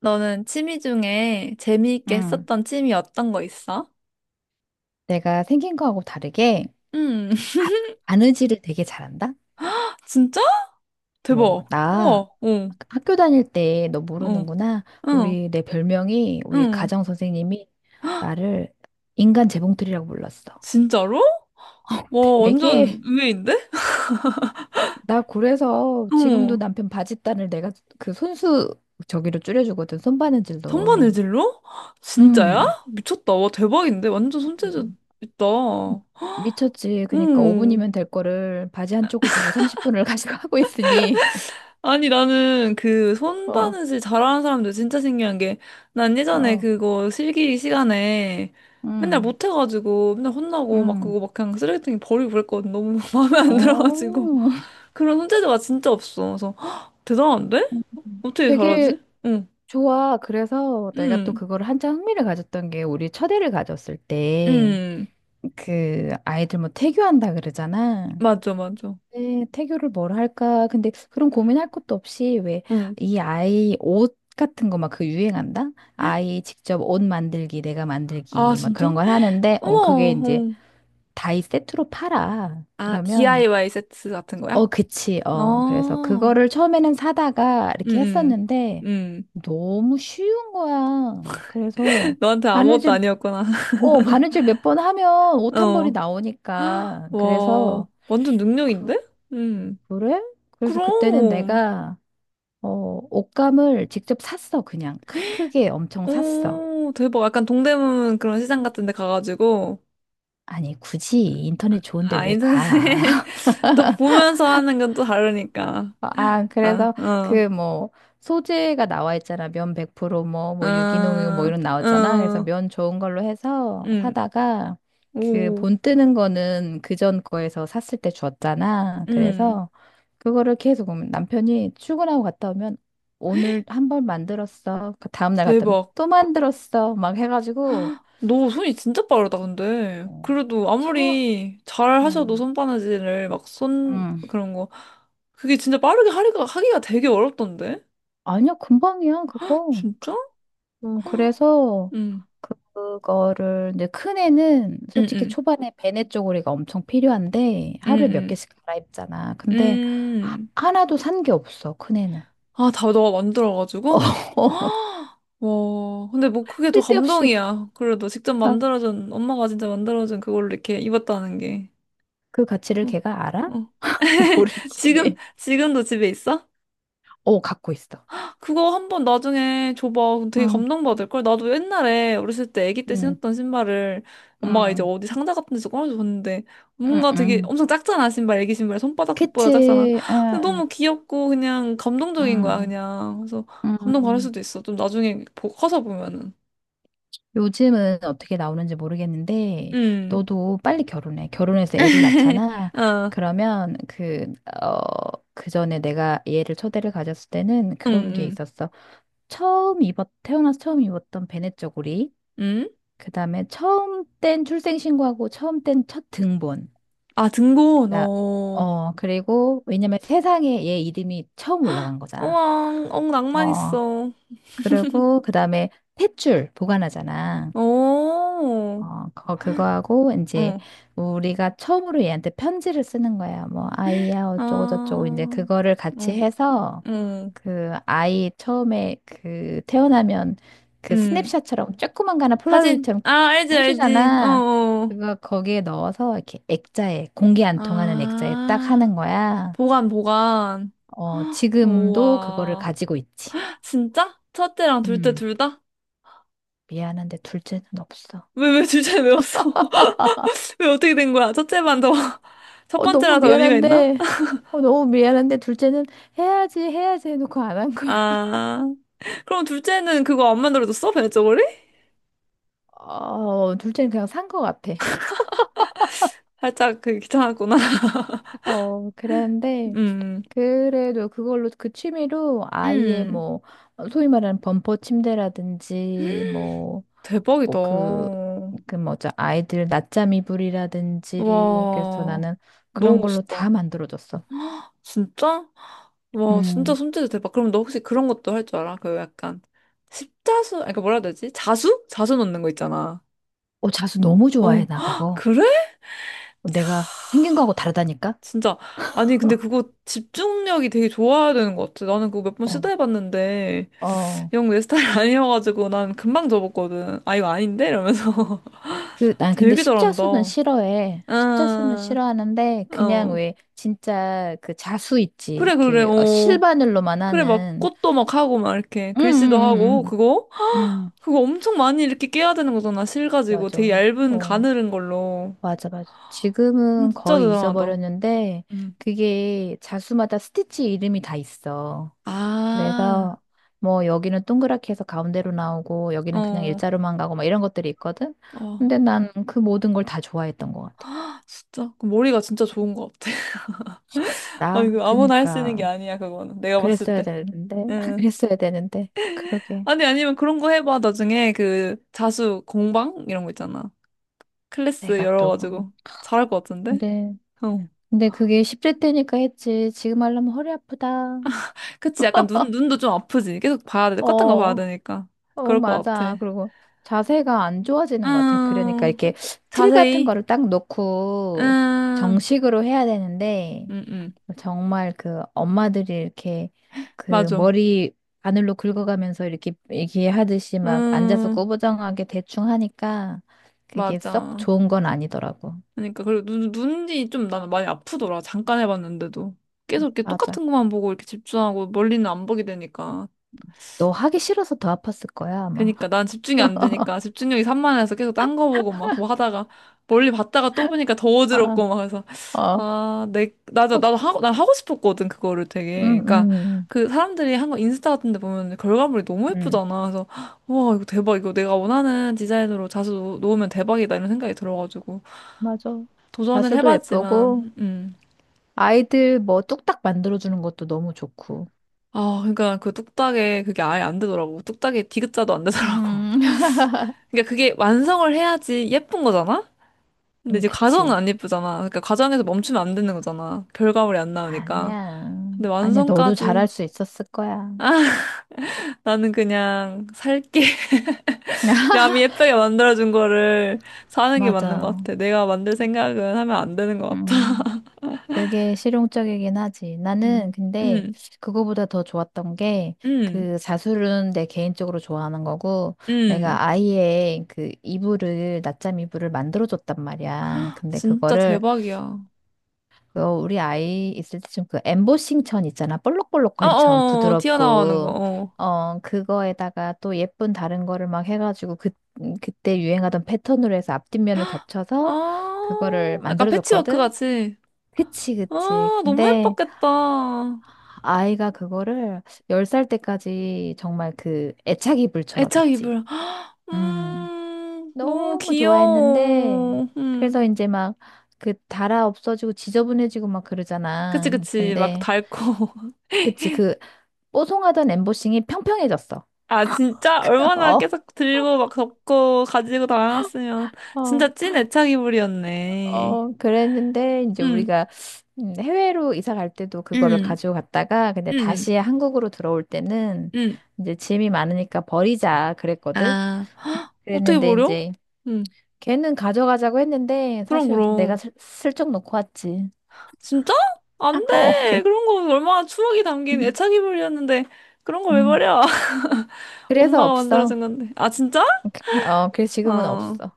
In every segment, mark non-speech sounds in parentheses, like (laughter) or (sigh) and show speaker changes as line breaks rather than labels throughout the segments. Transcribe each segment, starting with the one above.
너는 취미 중에 재미있게
응,
했었던 취미 어떤 거 있어?
내가 생긴 거하고 다르게
응. (laughs)
바, 바느질을 되게 잘한다?
진짜?
어,
대박.
나
우와. 응.
학교 다닐 때 너
응.
모르는구나.
응.
우리 내 별명이 우리
응.
가정 선생님이 나를 인간 재봉틀이라고 불렀어.
진짜로?
(laughs)
와,
되게
완전 의외인데?
나 그래서 지금도
어.
남편 바짓단을 내가 그 손수 저기로 줄여주거든.
손반의
손바느질로.
질로
응.
진짜야? 미쳤다. 와, 대박인데? 완전 손재주
음.
있다.
미쳤지. 그러니까
응.
5분이면 될 거를 바지 한쪽을 들고 30분을 (laughs) 가지고 하고 있으니. (laughs)
아니, 나는 그
어,
손바느질 잘하는 사람들 진짜 신기한 게, 난 예전에
어.
그거 실기 시간에 맨날
음,
못해가지고 맨날 혼나고 막
음.
그거 막 그냥 쓰레기통에 버리고 그랬거든. 너무 (laughs) 마음에 안 들어가지고.
어,
그런 손재주가 진짜 없어. 그래서, "헉, 대단한데?
(laughs)
어떻게
되게
잘하지? 응,
좋아. 그래서 내가 또
응,
그걸 한참 흥미를 가졌던 게 우리 첫애를 가졌을 때
응.
그 아이들 뭐 태교한다 그러잖아.
맞아, 맞아.
네, 태교를 뭘 할까? 근데 그런 고민할 것도 없이 왜
응.
이 아이 옷 같은 거 막 그 유행한다? 아이 직접 옷 만들기, 내가
아,
만들기 막
진짜?
그런 걸 하는데 어 그게
우와,
이제
응.
다이 세트로 팔아.
아,
그러면
DIY 세트 같은 거야?
어, 그치. 어, 그래서
아,
그거를 처음에는 사다가 이렇게
응, 응,
했었는데
응.
너무 쉬운 거야. 그래서
(laughs) 너한테 아무것도
바느질,
아니었구나. (laughs)
어, 바느질 몇 번 하면 옷 한 벌이
어.
나오니까.
와,
그래서
완전
그,
능력인데? 음.
그래? 그래서 그때는
그럼.
내가 어, 옷감을 직접 샀어. 그냥 크게 엄청 샀어.
오, 대박. 약간 동대문 그런 시장 같은 데 가가지고.
아니, 굳이 인터넷 좋은데
아,
왜
인터넷.
가?
(laughs) 또 보면서 하는 건 또 다르니까.
어, 아,
아,
그래서
어,
그 뭐 소재가 나와 있잖아. 면 100% 뭐, 뭐 유기농이고 뭐
아,
이런
어,
나왔잖아. 그래서 면 좋은 걸로 해서
음.
사다가 그
오,
본 뜨는 거는 그전 거에서 샀을 때 줬잖아.
음,
그래서 그거를 계속 보면 남편이 출근하고 갔다 오면 오늘 한 번 만들었어. 그 다음 날 갔다 오면
대박.
또 만들었어. 막 해가지고
너 손이 진짜 빠르다, 근데.
어,
그래도
처,
아무리 잘 하셔도
음,
손바느질을 막 손,
음.
그런 거. 그게 진짜 빠르게 하기가, 하기가 되게 어렵던데?
아니야, 금방이야, 그거.
진짜?
그래서
응.
그거를 이제 큰 애는
응
솔직히
응
초반에 배내 쪼그리가 엄청 필요한데
응
하루에 몇
응
개씩 갈아입잖아. 근데 하,
음.
하나도 산 게 없어, 큰 애는.
아, 다 너가
(laughs)
만들어가지고? (gasps)
어,
아, 와, 근데 뭐 그게 더
쓸데없이.
감동이야. 그래도 직접
아,
만들어준, 엄마가 진짜 만들어준 그걸로 이렇게 입었다는 게.
그 가치를
어,
걔가 알아?
어.
(laughs)
(laughs) 지금,
모르지.
지금도 집에 있어?
어, 갖고 있어.
그거 한번 나중에 줘봐. 그럼 되게
응,
감동받을걸? 나도 옛날에 어렸을 때 아기 때
응,
신었던 신발을 엄마가 이제
응,
어디 상자 같은 데서 꺼내줬는데
응,
뭔가 되게
응.
엄청 작잖아, 신발. 아기 신발. 손바닥보다 작잖아.
그치.
근데
응,
너무 귀엽고 그냥 감동적인 거야,
응,
그냥. 그래서 감동받을
응.
수도 있어. 좀 나중에 보- 커서 보면은.
요즘은 어떻게 나오는지 모르겠는데,
음.
너도 빨리 결혼해. 결혼해서 애를
(laughs)
낳잖아.
어,
그러면 그, 어, 그 전에 내가 얘를 초대를 가졌을 때는
응
그런 게
응.
있었어. 처음 입었, 태어나서 처음 입었던 베넷 저고리.
응? 응?
그 다음에 처음 뗀 출생신고하고 처음 뗀 첫 등본.
아, 등본.
나-
어.
어, 그리고 왜냐면 세상에 얘 이름이 처음 올라간 거잖아.
우왕, 엉, 낭만
어,
있어.
그리고 그 다음에 탯줄 보관하잖아.
오.
어, 거- 그거하고, 이제,
어.
우리가 처음으로 얘한테 편지를 쓰는 거야. 뭐, 아이야, 어쩌고저쩌고,
아.
이제 그거를 같이
어.
해서,
어,
그, 아이 처음에 그, 태어나면 그
음.
스냅샷처럼, 조그만 거 하나
사진.
폴라로이드처럼
아, 알지, 알지. 어,
해주잖아.
어.
그거 거기에 넣어서, 이렇게 액자에, 공기 안 통하는 액자에 딱
아,
하는 거야.
보관, 보관.
어, 지금도 그거를
우와.
가지고 있지.
진짜? 첫째랑 둘째
음,
둘 다?
미안한데 둘째는 없어.
왜, 왜 둘째 왜 없어? (laughs) 왜 어떻게 된 거야? 첫째만 더, (laughs) 첫
어, 너무
번째랑 더 의미가 있나?
미안한데, 어, 너무 미안한데, 둘째는 해야지, 해야지 해놓고 안 한 거야.
아, 그럼 둘째는 그거 안 만들어줬어? 배냇저고리?
어, 둘째는 그냥 산 거 같아.
살짝 그 귀찮았구나. (laughs)
어, 그랬는데,
음,
그래도 그걸로, 그 취미로 아이의
음.
뭐, 어, 소위 말하는 범퍼 침대라든지, 뭐,
대박이다.
뭐 그, 그 뭐죠, 아이들 낮잠 이불이라든지, 그래서
와,
나는
너무
그런 걸로 다
멋있다.
만들어줬어.
진짜? 와, 진짜
음.
손재주 대박. 그럼 너 혹시 그런 것도 할 줄 알아? 그 약간 십자수, 아니, 그 뭐라 해야 되지? 자수? 자수 넣는 거 있잖아.
어, 자수 너무
어,
좋아해,
(gasps)
나
헉,
그거.
그래?
내가 생긴 거하고 다르다니까?
진짜. 아니, 근데 그거 집중력이 되게 좋아야 되는 것 같아. 나는 그거 몇 번
어.
시도해봤는데,
어.
영 내 스타일 (laughs) 아니어가지고 난 금방 접었거든. 아, 이거 아닌데? 이러면서.
그,
(laughs)
난 근데
되게
십자수는
잘한다.
싫어해. 십자수는
아,
싫어하는데, 그냥
어.
왜, 진짜 그 자수 있지.
그래, 그래,
이렇게 어,
어.
실바늘로만
그래, 막
하는.
꽃도 막 하고 막 이렇게
응, 응,
글씨도 하고
응,
그거?
응. 응,
(gasps) 그거 엄청 많이 이렇게 깨야 되는 거잖아. 실 가지고 되게
맞아.
얇은
어,
가늘은 걸로.
맞아, 맞아. 지금은
진짜
거의
대단하다.
잊어버렸는데,
음.
그게 자수마다 스티치 이름이 다 있어.
아,
그래서, 뭐, 여기는 동그랗게 해서 가운데로 나오고, 여기는 그냥
어,
일자로만 가고, 막 이런 것들이 있거든?
어,
근데 난 그 모든 걸 다 좋아했던 것 같아.
진짜 그 머리가 진짜 좋은 것 같아. (laughs) 아,
나,
이거 아무나 할 수 있는 게
그니까.
아니야, 그거는. 내가 봤을
그랬어야
때.
되는데, (laughs)
응.
그랬어야 되는데, 그러게.
아니, 아니면 그런 거 해봐. 나중에 그 자수 공방 이런 거 있잖아. 클래스
내가 또. 음.
열어가지고 잘할 것 같은데?
근데,
어.
근데 그게 10대 때니까 했지. 지금 하려면 허리 아프다.
그치, 약간 눈, 눈도 좀 아프지. 계속 봐야 돼. 똑같은 거 봐야
어,
되니까.
어,
그럴 것
맞아.
같아.
그리고 자세가 안 좋아지는 것 같아. 그러니까
음,
이렇게 틀 같은
자세히.
거를 딱 놓고
음,
정식으로 해야 되는데,
음, 음.
정말 그 엄마들이 이렇게 그
맞아.
머리 바늘로 긁어가면서 이렇게 얘기하듯이 막 앉아서
음,
꾸부정하게 대충 하니까 그게 썩
맞아.
좋은 건 아니더라고.
그러니까, 그리고 눈, 눈이 좀 나는 많이 아프더라. 잠깐 해봤는데도. 계속 이렇게
맞아.
똑같은 것만 보고 이렇게 집중하고 멀리는 안 보게 되니까.
너 하기 싫어서 더 아팠을 거야, 아마.
그니까 난 집중이 안
(laughs)
되니까 집중력이 산만해서 계속 딴 거 보고 막 뭐 하다가 멀리 봤다가 또 보니까 더
아,
어지럽고 막 해서
어,
아, 내 나도
어, 그-
나도 하고 난 하고 싶었거든 그거를
음,
되게 그러니까
음,
그 사람들이 한 거 인스타 같은 데 보면 결과물이 너무
음, 음.
예쁘잖아 그래서 와 이거 대박 이거 내가 원하는 디자인으로 자수 놓- 놓으면 대박이다 이런 생각이 들어가지고
맞아.
도전을
자수도 예쁘고,
해봤지만
아이들 뭐 뚝딱 만들어주는 것도 너무 좋고.
아, 그러니까 그 뚝딱에 그게 아예 안 되더라고. 뚝딱에 디귿자도 안 되더라고.
음, (laughs)
(laughs) 그러니까 그게 완성을 해야지 예쁜 거잖아? 근데 이제 과정은
그치.
안 예쁘잖아. 그러니까 과정에서 멈추면 안 되는 거잖아. 결과물이 안 나오니까.
아니야.
근데
아니야, 너도
완성까지
잘할 수 있었을 거야.
나는 그냥 살게. (laughs)
(laughs)
남이 예쁘게 만들어준 거를 사는 게 맞는 것
맞아.
같아. 내가 만들 생각은 하면 안 되는 것 같아.
음. 그게 실용적이긴 하지. 나는
음, (laughs)
근데
음,
그거보다 더 좋았던 게
음,
그 자수는 내 개인적으로 좋아하는 거고
음.
내가 아이의 그 이불을 낮잠 이불을 만들어줬단 말이야. 근데
진짜
그거를
대박이야.
그거 우리 아이 있을 때 좀 그 엠보싱 천 있잖아.
어,
볼록볼록한 천
어, 어, 튀어나오는 거.
부드럽고
어.
어 그거에다가 또 예쁜 다른 거를 막 해가지고 그 그때 유행하던 패턴으로 해서 앞뒷면을 겹쳐서 그거를
아, 약간 패치워크
만들어줬거든.
같이.
그치, 그치.
아, 너무
근데
예뻤겠다.
아이가 그거를 10살 때까지 정말 그 애착이 불처럼
애착
있지.
이불. (gasps)
음,
너무
너무 좋아했는데,
귀여워. 음.
그래서 이제 막 그 달아 없어지고 지저분해지고 막
그치,
그러잖아.
그치. 막
근데,
닳고. (laughs)
그치, 그 뽀송하던 엠보싱이 평평해졌어.
아, 진짜?
(laughs)
얼마나
어,
계속 들고 막 덮고 가지고 다녔으면.
어,
진짜 찐 애착 이불이었네.
어, 그랬는데, 이제
응,
우리가 해외로 이사 갈 때도 그거를
응,
가지고 갔다가, 근데
응,
다시 한국으로 들어올 때는
응.
이제 짐이 많으니까 버리자 그랬거든.
아, (gasps) 어떻게
그랬는데,
버려?
이제
응.
걔는 가져가자고 했는데
그럼,
사실 내가
그럼.
슬쩍 놓고 왔지.
진짜?
아,
안
어,
돼.
그래.
그런 거 얼마나 추억이 담긴
음.
애착 이불이었는데. 그런 거 왜
음.
버려? (laughs)
그래서
엄마가
없어.
만들어준 건데. 아, 진짜?
어, 그래서 지금은
어.
없어.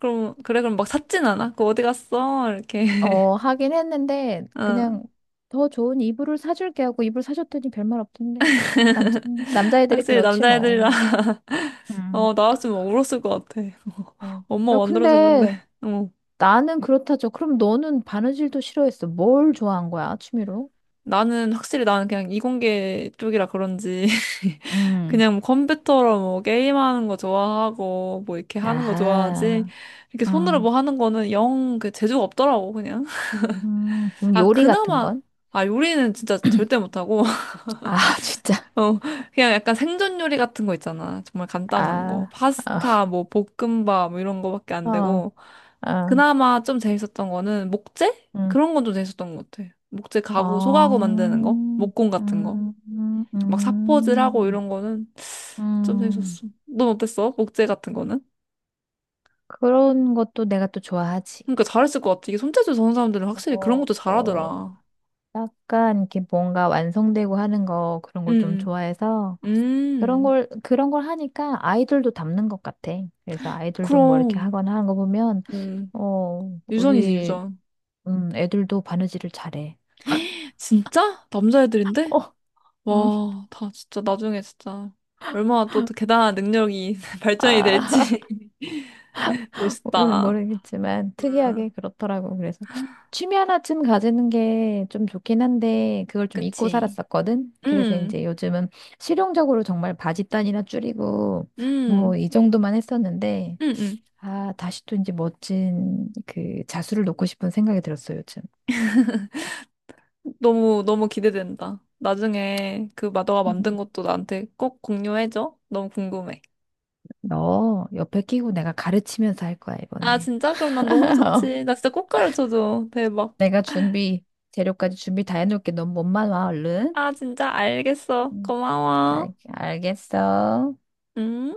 그럼, 그래, 그럼 막 샀진 않아? 그 어디 갔어? 이렇게.
어,
(laughs)
하긴 했는데
어,
그냥 더 좋은 이불을 사줄게 하고 이불 사줬더니 별말 없던데. 남자애들이
확실히
그렇지 뭐.
남자애들이랑, (laughs)
음.
어, 나왔으면 막 울었을 것 같아. (laughs)
어.
엄마
야,
만들어준 건데.
근데
어.
나는 그렇다죠. 그럼 너는 바느질도 싫어했어. 뭘 좋아한 거야, 취미로?
나는, 확실히 나는 그냥 이공계 쪽이라 그런지, (laughs)
음.
그냥 뭐 컴퓨터로 뭐 게임하는 거 좋아하고, 뭐 이렇게 하는 거 좋아하지,
아하.
이렇게 손으로
음.
뭐 하는 거는 영 그 재주가 없더라고, 그냥. (laughs)
그럼
아,
요리 같은
그나마,
건?
아, 요리는 진짜 절대 못하고,
아, (laughs) 진짜.
어, 그냥 약간 생존 요리 같은 거 있잖아. 정말 간단한 거.
아,
파스타, 뭐, 볶음밥, 뭐 이런 거밖에
어,
안
어,
되고.
어,
그나마 좀 재밌었던 거는 목재?
음,
그런 건 좀 재밌었던 것 같아. 목재 가구,
어,
소가구 만드는 거? 목공 같은 거?
음,
막 사포질하고
음,
이런 거는 좀
음.
재밌었어. 넌 어땠어? 목재 같은 거는?
그런 것도 내가 또 좋아하지.
그러니까 잘했을 것 같아. 이게 손재주 좋은 사람들은 확실히 그런
어,
것도
어,
잘하더라.
약간 이렇게 뭔가 완성되고 하는 거 그런 걸 좀
음,
좋아해서
음,
그런
음.
걸 그런 걸 하니까 아이들도 닮는 것 같아. 그래서 아이들도 뭐 이렇게
그럼,
하거나 하는 거 보면
음.
어,
유전이지,
우리
유전.
애들도 바느질을 잘해.
진짜? 남자애들인데?
어, 음,
와, 다 진짜 나중에 진짜 얼마나 또 대단한 능력이 (laughs) 발전이
아.
될지 (laughs)
모르,
멋있다.
모르겠지만
음,
특이하게 그렇더라고. 그래서 취미 하나쯤 가지는 게 좀 좋긴 한데 그걸 좀 잊고
그치.
살았었거든. 그래서
음,
이제 요즘은 실용적으로 정말 바지단이나 줄이고 뭐
음,
이 정도만 했었는데
음, 음.
아, 다시 또 이제 멋진 그 자수를 놓고 싶은 생각이 들었어, 요즘.
너무, 너무 기대된다. 나중에 그 마더가
음.
만든 것도 나한테 꼭 공유해줘. 너무 궁금해.
너 옆에 끼고 내가 가르치면서 할 거야,
아,
이번에.
진짜? 그럼 난 너무
(laughs)
좋지. 나 진짜 꼭 가르쳐줘. 대박.
내가 준비, 재료까지 준비 다 해놓을게. 넌 몸만 와, 얼른.
아, 진짜? 알겠어.
음,
고마워.
알겠어.
음.